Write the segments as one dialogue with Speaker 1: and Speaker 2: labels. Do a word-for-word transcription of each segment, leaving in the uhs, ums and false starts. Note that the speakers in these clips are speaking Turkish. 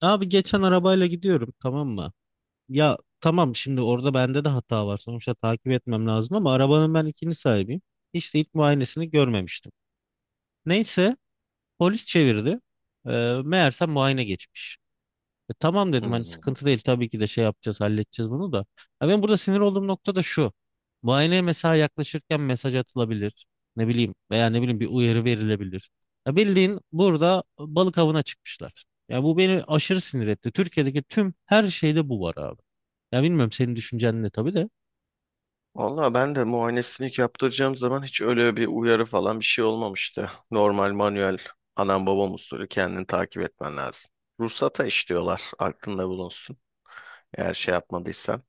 Speaker 1: Abi geçen arabayla gidiyorum, tamam mı? Ya tamam, şimdi orada bende de hata var. Sonuçta takip etmem lazım ama arabanın ben ikinci sahibiyim. Hiç de ilk muayenesini görmemiştim. Neyse, polis çevirdi. Ee, Meğerse muayene geçmiş. E, tamam dedim, hani
Speaker 2: Hmm.
Speaker 1: sıkıntı değil, tabii ki de şey yapacağız, halledeceğiz bunu da. Ha, ben burada sinir olduğum nokta da şu. Muayeneye mesela yaklaşırken mesaj atılabilir. Ne bileyim, veya ne bileyim bir uyarı verilebilir. Ya bildiğin burada balık avına çıkmışlar. Ya bu beni aşırı sinir etti. Türkiye'deki tüm her şeyde bu var abi. Ya bilmiyorum, senin düşüncen ne tabii de.
Speaker 2: Valla ben de muayenesini ilk yaptıracağım zaman hiç öyle bir uyarı falan bir şey olmamıştı. Normal manuel anam babam usulü kendini takip etmen lazım. Ruhsata işliyorlar aklında bulunsun. Eğer şey yapmadıysan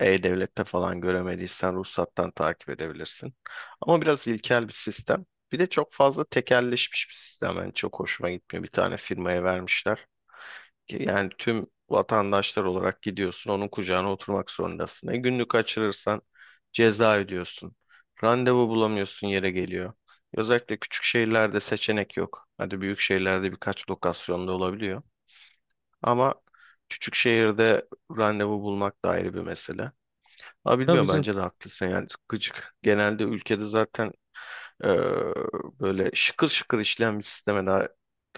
Speaker 2: E-Devlet'te falan göremediysen ruhsattan takip edebilirsin. Ama biraz ilkel bir sistem. Bir de çok fazla tekelleşmiş bir sistem. Yani çok hoşuma gitmiyor. Bir tane firmaya vermişler. Ki yani tüm vatandaşlar olarak gidiyorsun, onun kucağına oturmak zorundasın. E günlük kaçırırsan ceza ödüyorsun. Randevu bulamıyorsun yere geliyor. Özellikle küçük şehirlerde seçenek yok. Hadi büyük şehirlerde birkaç lokasyonda olabiliyor. Ama küçük şehirde randevu bulmak da ayrı bir mesele. Ama
Speaker 1: Tabii
Speaker 2: bilmiyorum
Speaker 1: canım.
Speaker 2: bence de haklısın yani gıcık. Genelde ülkede zaten e, böyle şıkır şıkır işleyen bir sisteme daha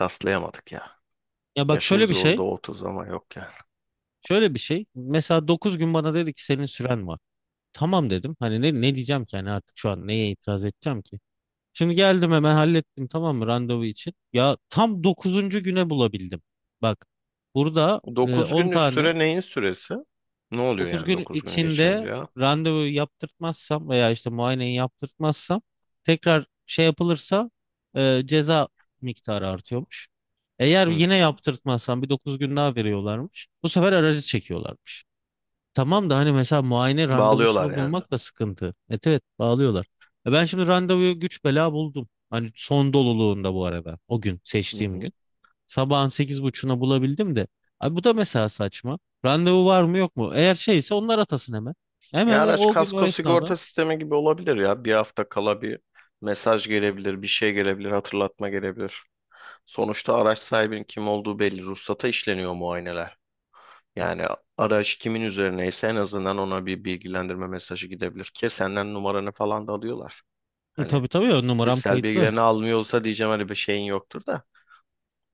Speaker 2: rastlayamadık ya.
Speaker 1: Ya bak, şöyle
Speaker 2: Yaşımız
Speaker 1: bir şey.
Speaker 2: oldu otuz ama yok ya.
Speaker 1: Şöyle bir şey. Mesela dokuz gün bana dedi ki senin süren var. Tamam dedim. Hani ne, ne diyeceğim ki, hani artık şu an neye itiraz edeceğim ki? Şimdi geldim, hemen hallettim tamam mı, randevu için. Ya tam dokuzuncu güne bulabildim. Bak, burada e,
Speaker 2: Dokuz
Speaker 1: on
Speaker 2: günlük
Speaker 1: tane
Speaker 2: süre neyin süresi? Ne oluyor
Speaker 1: dokuz
Speaker 2: yani
Speaker 1: gün
Speaker 2: dokuz günü geçince
Speaker 1: içinde
Speaker 2: ya?
Speaker 1: randevu yaptırtmazsam veya işte muayeneyi yaptırtmazsam, tekrar şey yapılırsa e, ceza miktarı artıyormuş. Eğer
Speaker 2: Hı.
Speaker 1: yine yaptırtmazsam bir dokuz gün daha veriyorlarmış. Bu sefer aracı çekiyorlarmış. Tamam da hani mesela muayene
Speaker 2: Bağlıyorlar
Speaker 1: randevusunu
Speaker 2: yani.
Speaker 1: bulmak da sıkıntı. Evet evet, bağlıyorlar. E ben şimdi randevuyu güç bela buldum. Hani son doluluğunda bu arada, o gün
Speaker 2: Hı
Speaker 1: seçtiğim
Speaker 2: hı.
Speaker 1: gün. Sabahın sekiz buçuğuna bulabildim de. Abi, bu da mesela saçma. Randevu var mı yok mu? Eğer şeyse onlar atasın hemen. Hemen
Speaker 2: Ya
Speaker 1: e,
Speaker 2: araç
Speaker 1: o gün, o
Speaker 2: kasko
Speaker 1: esnada.
Speaker 2: sigorta sistemi gibi olabilir ya. Bir hafta kala bir mesaj gelebilir, bir şey gelebilir, hatırlatma gelebilir. Sonuçta araç sahibinin kim olduğu belli. Ruhsata işleniyor muayeneler. Yani araç kimin üzerineyse en azından ona bir bilgilendirme mesajı gidebilir ki senden numaranı falan da alıyorlar.
Speaker 1: E,
Speaker 2: Hani
Speaker 1: tabii tabii ya, numaram
Speaker 2: kişisel
Speaker 1: kayıtlı.
Speaker 2: bilgilerini almıyorsa diyeceğim hani bir şeyin yoktur da.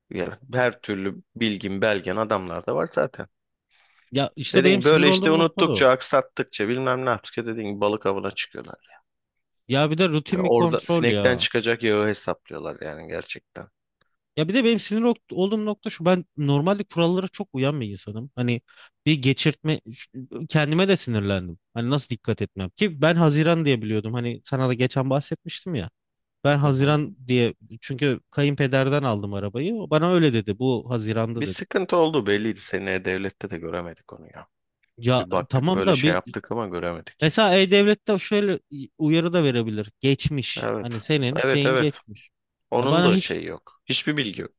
Speaker 2: Yani her türlü bilgin, belgen adamlarda var zaten.
Speaker 1: Ya işte
Speaker 2: Dediğim
Speaker 1: benim
Speaker 2: gibi
Speaker 1: sinir
Speaker 2: böyle işte
Speaker 1: olduğum nokta da o.
Speaker 2: unuttukça, aksattıkça bilmem ne yaptıkça dediğim gibi balık avına çıkıyorlar.
Speaker 1: Ya bir de
Speaker 2: Yani
Speaker 1: rutin bir
Speaker 2: orada
Speaker 1: kontrol
Speaker 2: sinekten
Speaker 1: ya.
Speaker 2: çıkacak yağı hesaplıyorlar yani gerçekten.
Speaker 1: Ya bir de benim sinir ok- olduğum nokta şu, ben normalde kurallara çok uyan bir insanım. Hani bir geçirtme ş- kendime de sinirlendim. Hani nasıl dikkat etmem ki, ben Haziran diye biliyordum. Hani sana da geçen bahsetmiştim ya. Ben
Speaker 2: Hı hı.
Speaker 1: Haziran diye, çünkü kayınpederden aldım arabayı. O bana öyle dedi. Bu Haziran'da
Speaker 2: Bir
Speaker 1: dedi.
Speaker 2: sıkıntı oldu belliydi. Seneye devlette de göremedik onu ya.
Speaker 1: Ya
Speaker 2: Bir baktık
Speaker 1: tamam
Speaker 2: böyle
Speaker 1: da
Speaker 2: şey
Speaker 1: bir,
Speaker 2: yaptık ama göremedik.
Speaker 1: mesela E-Devlet'te şöyle uyarı da verebilir. Geçmiş. Hani
Speaker 2: Evet.
Speaker 1: senin
Speaker 2: Evet,
Speaker 1: şeyin
Speaker 2: evet.
Speaker 1: geçmiş. Ya
Speaker 2: Onun
Speaker 1: bana
Speaker 2: da
Speaker 1: hiç.
Speaker 2: şeyi yok. Hiçbir bilgi yok.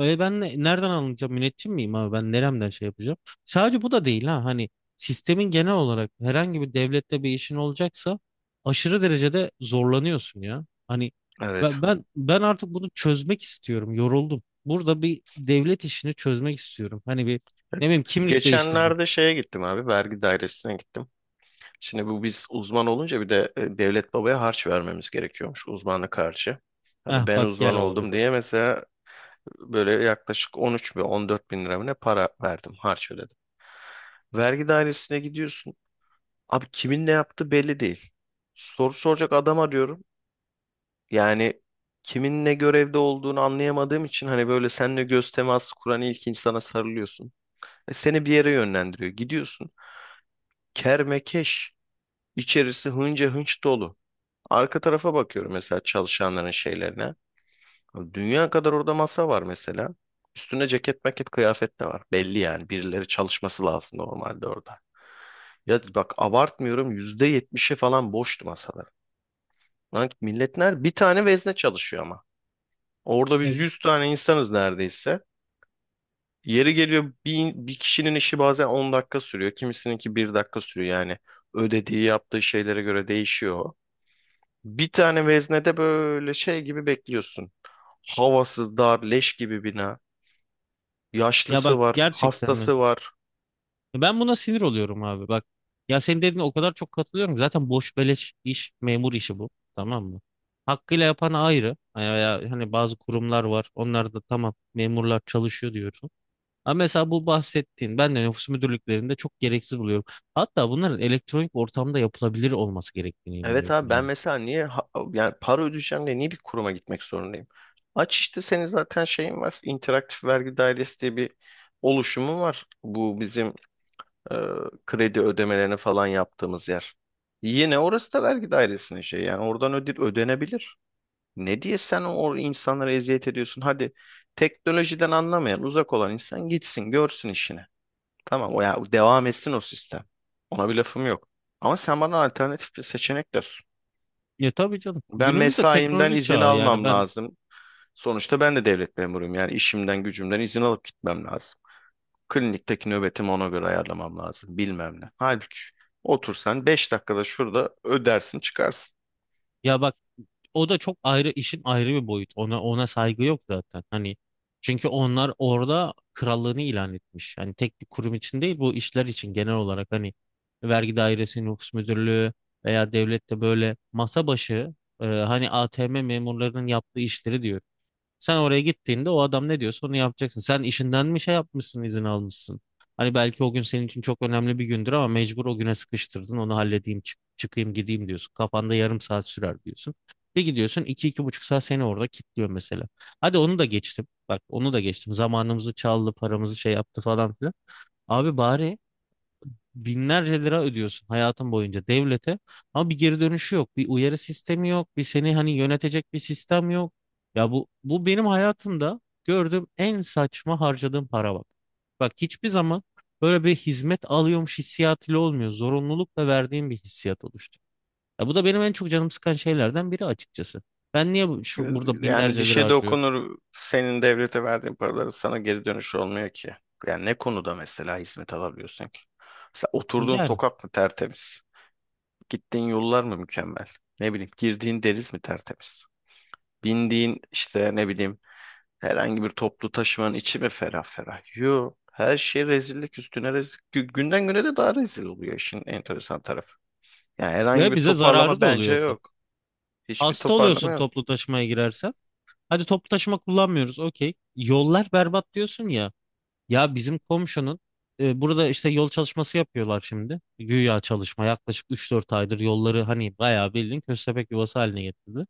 Speaker 1: E ben ne- nereden alınacağım? Müneccim miyim abi? Ben neremden şey yapacağım? Sadece bu da değil ha. Hani sistemin, genel olarak herhangi bir devlette bir işin olacaksa aşırı derecede zorlanıyorsun ya. Hani
Speaker 2: Evet.
Speaker 1: ben ben, ben artık bunu çözmek istiyorum. Yoruldum. Burada bir devlet işini çözmek istiyorum. Hani bir, ne bileyim, kimlik değiştireceksin.
Speaker 2: Geçenlerde şeye gittim abi. Vergi dairesine gittim. Şimdi bu biz uzman olunca bir de e, devlet babaya harç vermemiz gerekiyormuş uzmanlık harcı.
Speaker 1: Heh,
Speaker 2: Hadi ben
Speaker 1: bak,
Speaker 2: uzman
Speaker 1: gel olaya
Speaker 2: oldum
Speaker 1: bak.
Speaker 2: diye mesela böyle yaklaşık on üç bin on dört bin lira mı ne para verdim harç ödedim. Vergi dairesine gidiyorsun. Abi kimin ne yaptığı belli değil. Soru soracak adam arıyorum. Yani kimin ne görevde olduğunu anlayamadığım için hani böyle seninle göz teması kuran ilk insana sarılıyorsun. E, seni bir yere yönlendiriyor. Gidiyorsun. Kermekeş. İçerisi hınca hınç dolu. Arka tarafa bakıyorum mesela çalışanların şeylerine. Dünya kadar orada masa var mesela. Üstüne ceket maket kıyafet de var. Belli yani birileri çalışması lazım normalde orada. Ya bak abartmıyorum, yüzde yetmişi falan boştu masalar. Lan milletler bir tane vezne çalışıyor ama. Orada biz
Speaker 1: E,
Speaker 2: yüz tane insanız neredeyse. Yeri geliyor bir, bir kişinin işi bazen on dakika sürüyor. Kimisininki bir dakika sürüyor yani. Ödediği yaptığı şeylere göre değişiyor. Bir tane veznede böyle şey gibi bekliyorsun. Havasız, dar, leş gibi bina.
Speaker 1: Ya bak,
Speaker 2: Yaşlısı var,
Speaker 1: gerçekten mi?
Speaker 2: hastası var.
Speaker 1: Ben buna sinir oluyorum abi, bak. Ya senin dediğine o kadar çok katılıyorum ki. Zaten boş beleş iş, memur işi bu. Tamam mı? Hakkıyla yapan ayrı. Hani veya hani bazı kurumlar var. Onlar da tamam, memurlar çalışıyor diyorsun. Ama mesela bu bahsettiğin, ben de nüfus müdürlüklerinde çok gereksiz buluyorum. Hatta bunların elektronik ortamda yapılabilir olması gerektiğine
Speaker 2: Evet
Speaker 1: inanıyorum
Speaker 2: abi ben
Speaker 1: yani.
Speaker 2: mesela niye ha- yani para ödeyeceğim diye niye bir kuruma gitmek zorundayım? Aç işte senin zaten şeyin var. İnteraktif Vergi Dairesi diye bir oluşumu var. Bu bizim e, kredi ödemelerini falan yaptığımız yer. Yine orası da vergi dairesinin şey yani oradan öde ödenebilir. Ne diye sen o insanlara eziyet ediyorsun? Hadi teknolojiden anlamayan uzak olan insan gitsin görsün işini. Tamam o ya devam etsin o sistem. Ona bir lafım yok. Ama sen bana alternatif bir seçenek ver.
Speaker 1: Ya tabii canım.
Speaker 2: Ben
Speaker 1: Günümüzde
Speaker 2: mesaimden
Speaker 1: teknoloji
Speaker 2: izin
Speaker 1: çağı yani
Speaker 2: almam
Speaker 1: ben,
Speaker 2: lazım. Sonuçta ben de devlet memuruyum yani işimden gücümden izin alıp gitmem lazım. Klinikteki nöbetimi ona göre ayarlamam lazım. Bilmem ne. Halbuki otursan beş dakikada şurada ödersin çıkarsın.
Speaker 1: ya bak, o da çok ayrı işin ayrı bir boyut. Ona ona saygı yok zaten. Hani çünkü onlar orada krallığını ilan etmiş. Hani tek bir kurum için değil, bu işler için genel olarak, hani vergi dairesi, nüfus müdürlüğü veya devlette böyle masa başı e, hani A T M memurlarının yaptığı işleri diyor. Sen oraya gittiğinde o adam ne diyorsa onu yapacaksın. Sen işinden mi şey yapmışsın, izin almışsın? Hani belki o gün senin için çok önemli bir gündür ama mecbur o güne sıkıştırdın. Onu halledeyim, çık- çıkayım, gideyim diyorsun. Kafanda yarım saat sürer diyorsun. Bir gidiyorsun, iki, iki buçuk saat seni orada kilitliyor mesela. Hadi onu da geçtim. Bak, onu da geçtim. Zamanımızı çaldı, paramızı şey yaptı falan filan. Abi, bari binlerce lira ödüyorsun hayatın boyunca devlete, ama bir geri dönüşü yok. Bir uyarı sistemi yok. Bir seni hani yönetecek bir sistem yok. Ya bu bu benim hayatımda gördüğüm en saçma harcadığım para bak. Bak, hiçbir zaman böyle bir hizmet alıyormuş hissiyatıyla olmuyor. Zorunlulukla verdiğim bir hissiyat oluştu. Ya bu da benim en çok canım sıkan şeylerden biri açıkçası. Ben niye bu- şu, burada
Speaker 2: Yani
Speaker 1: binlerce lira
Speaker 2: dişe
Speaker 1: harcıyorum?
Speaker 2: dokunur senin devlete verdiğin paraları sana geri dönüş olmuyor ki. Yani ne konuda mesela hizmet alabiliyorsun ki? Mesela oturduğun
Speaker 1: Yani
Speaker 2: sokak mı tertemiz? Gittiğin yollar mı mükemmel? Ne bileyim girdiğin deniz mi tertemiz? Bindiğin işte ne bileyim herhangi bir toplu taşımanın içi mi ferah ferah? Yo. Her şey rezillik üstüne rezil. Gü- Günden güne de daha rezil oluyor işin enteresan tarafı. Yani herhangi
Speaker 1: ve
Speaker 2: bir
Speaker 1: bize zararı
Speaker 2: toparlama
Speaker 1: da
Speaker 2: bence
Speaker 1: oluyor onların.
Speaker 2: yok. Hiçbir
Speaker 1: Hasta
Speaker 2: toparlama
Speaker 1: oluyorsun
Speaker 2: yok.
Speaker 1: toplu taşımaya girersen. Hadi toplu taşıma kullanmıyoruz. Okey. Yollar berbat diyorsun ya. Ya bizim komşunun e, burada işte yol çalışması yapıyorlar şimdi. Güya çalışma yaklaşık üç dört aydır yolları hani bayağı bildiğin köstebek yuvası haline getirdi.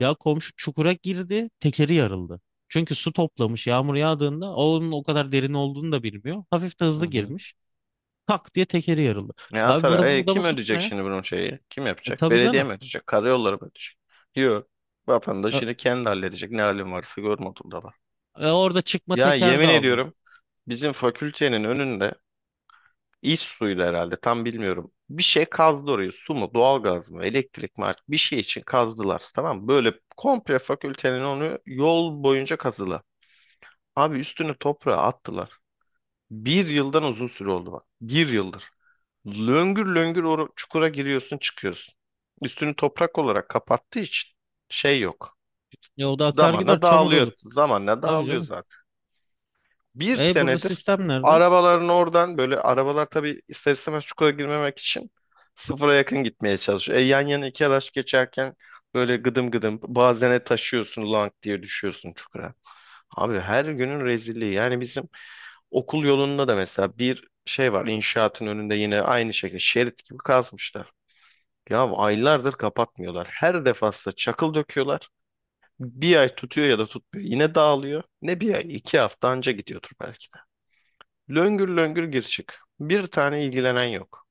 Speaker 1: Ya komşu çukura girdi, tekeri yarıldı. Çünkü su toplamış yağmur yağdığında, o onun o kadar derin olduğunu da bilmiyor. Hafif de
Speaker 2: Hı
Speaker 1: hızlı
Speaker 2: hı.
Speaker 1: girmiş. Tak diye tekeri yarıldı.
Speaker 2: Ne
Speaker 1: Ya abi,
Speaker 2: atar?
Speaker 1: burada bu
Speaker 2: E,
Speaker 1: adamın
Speaker 2: kim
Speaker 1: suçu
Speaker 2: ödeyecek
Speaker 1: ne?
Speaker 2: şimdi bunun şeyi? Kim
Speaker 1: E,
Speaker 2: yapacak?
Speaker 1: tabii
Speaker 2: Belediye
Speaker 1: canım.
Speaker 2: mi ödeyecek? Karayolları mı ödeyecek? Yok.
Speaker 1: E,
Speaker 2: Vatandaş yine kendi halledecek. Ne halin varsa görme da var.
Speaker 1: e, Orada çıkma
Speaker 2: Ya
Speaker 1: teker de
Speaker 2: yemin
Speaker 1: almıyor.
Speaker 2: ediyorum, bizim fakültenin önünde İş suyuyla herhalde, tam bilmiyorum. Bir şey kazdı orayı. Su mu, doğalgaz mı, elektrik mi artık bir şey için kazdılar. Tamam mı? Böyle komple fakültenin onu yol boyunca kazdılar. Abi üstünü toprağa attılar. Bir yıldan uzun süre oldu bak. Bir yıldır löngür löngür o çukura giriyorsun çıkıyorsun. Üstünü toprak olarak kapattığı için şey yok.
Speaker 1: Ya o da akar gider,
Speaker 2: Zamanla
Speaker 1: çamur
Speaker 2: dağılıyor.
Speaker 1: olur.
Speaker 2: Zamanla
Speaker 1: Tabii
Speaker 2: dağılıyor
Speaker 1: canım.
Speaker 2: zaten, bir
Speaker 1: E burada
Speaker 2: senedir
Speaker 1: sistem nerede?
Speaker 2: arabaların oradan, böyle arabalar tabii ister istemez çukura girmemek için sıfıra yakın gitmeye çalışıyor. E, yan yana iki araç geçerken böyle gıdım gıdım bazene taşıyorsun, lank diye düşüyorsun çukura. Abi her günün rezilliği yani, bizim okul yolunda da mesela bir şey var, inşaatın önünde yine aynı şekilde şerit gibi kazmışlar. Ya aylardır kapatmıyorlar. Her defasında çakıl döküyorlar. Bir ay tutuyor ya da tutmuyor. Yine dağılıyor. Ne bir ay, iki hafta anca gidiyordur belki. Löngür löngür gir çık. Bir tane ilgilenen yok.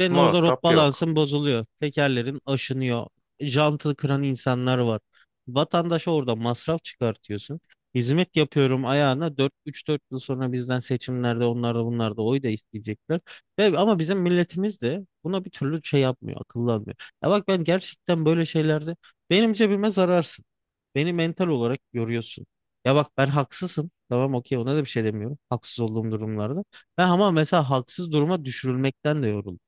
Speaker 1: Ben orada rot
Speaker 2: Muhatap yok.
Speaker 1: balansın bozuluyor. Tekerlerin aşınıyor. Jantı kıran insanlar var. Vatandaşa orada masraf çıkartıyorsun. Hizmet yapıyorum ayağına, dört üç-dört yıl sonra bizden seçimlerde onlar da bunlar da oy da isteyecekler. Ve, ama bizim milletimiz de buna bir türlü şey yapmıyor, akıllanmıyor. Ya bak, ben gerçekten böyle şeylerde benim cebime zararsın. Beni mental olarak görüyorsun. Ya bak, ben haksızım. Tamam, okey, ona da bir şey demiyorum. Haksız olduğum durumlarda. Ben ama mesela haksız duruma düşürülmekten de yoruldum.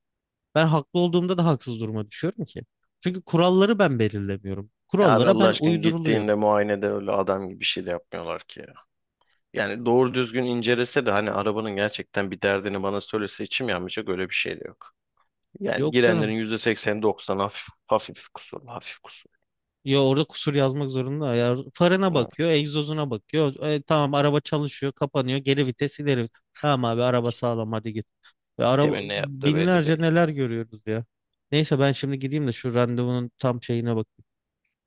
Speaker 1: Ben haklı olduğumda da haksız duruma düşüyorum ki. Çünkü kuralları ben belirlemiyorum.
Speaker 2: Ya abi
Speaker 1: Kurallara
Speaker 2: Allah
Speaker 1: ben
Speaker 2: aşkına
Speaker 1: uyduruluyorum.
Speaker 2: gittiğinde muayenede öyle adam gibi bir şey de yapmıyorlar ki ya. Yani doğru düzgün incelese de hani arabanın gerçekten bir derdini bana söylese içim yanmayacak, öyle bir şey de yok. Yani
Speaker 1: Yok
Speaker 2: girenlerin
Speaker 1: canım.
Speaker 2: yüzde seksen doksan, hafif hafif kusur, hafif kusur.
Speaker 1: Ya orada kusur yazmak zorunda. Ya farına
Speaker 2: Evet,
Speaker 1: bakıyor, egzozuna bakıyor. E, tamam, araba çalışıyor, kapanıyor. Geri vites, ileri vites. Tamam abi, araba sağlam, hadi git. Ve araba
Speaker 2: kimin ne yaptığı belli
Speaker 1: binlerce
Speaker 2: değil.
Speaker 1: neler görüyoruz ya. Neyse, ben şimdi gideyim de şu randevunun tam şeyine bakayım.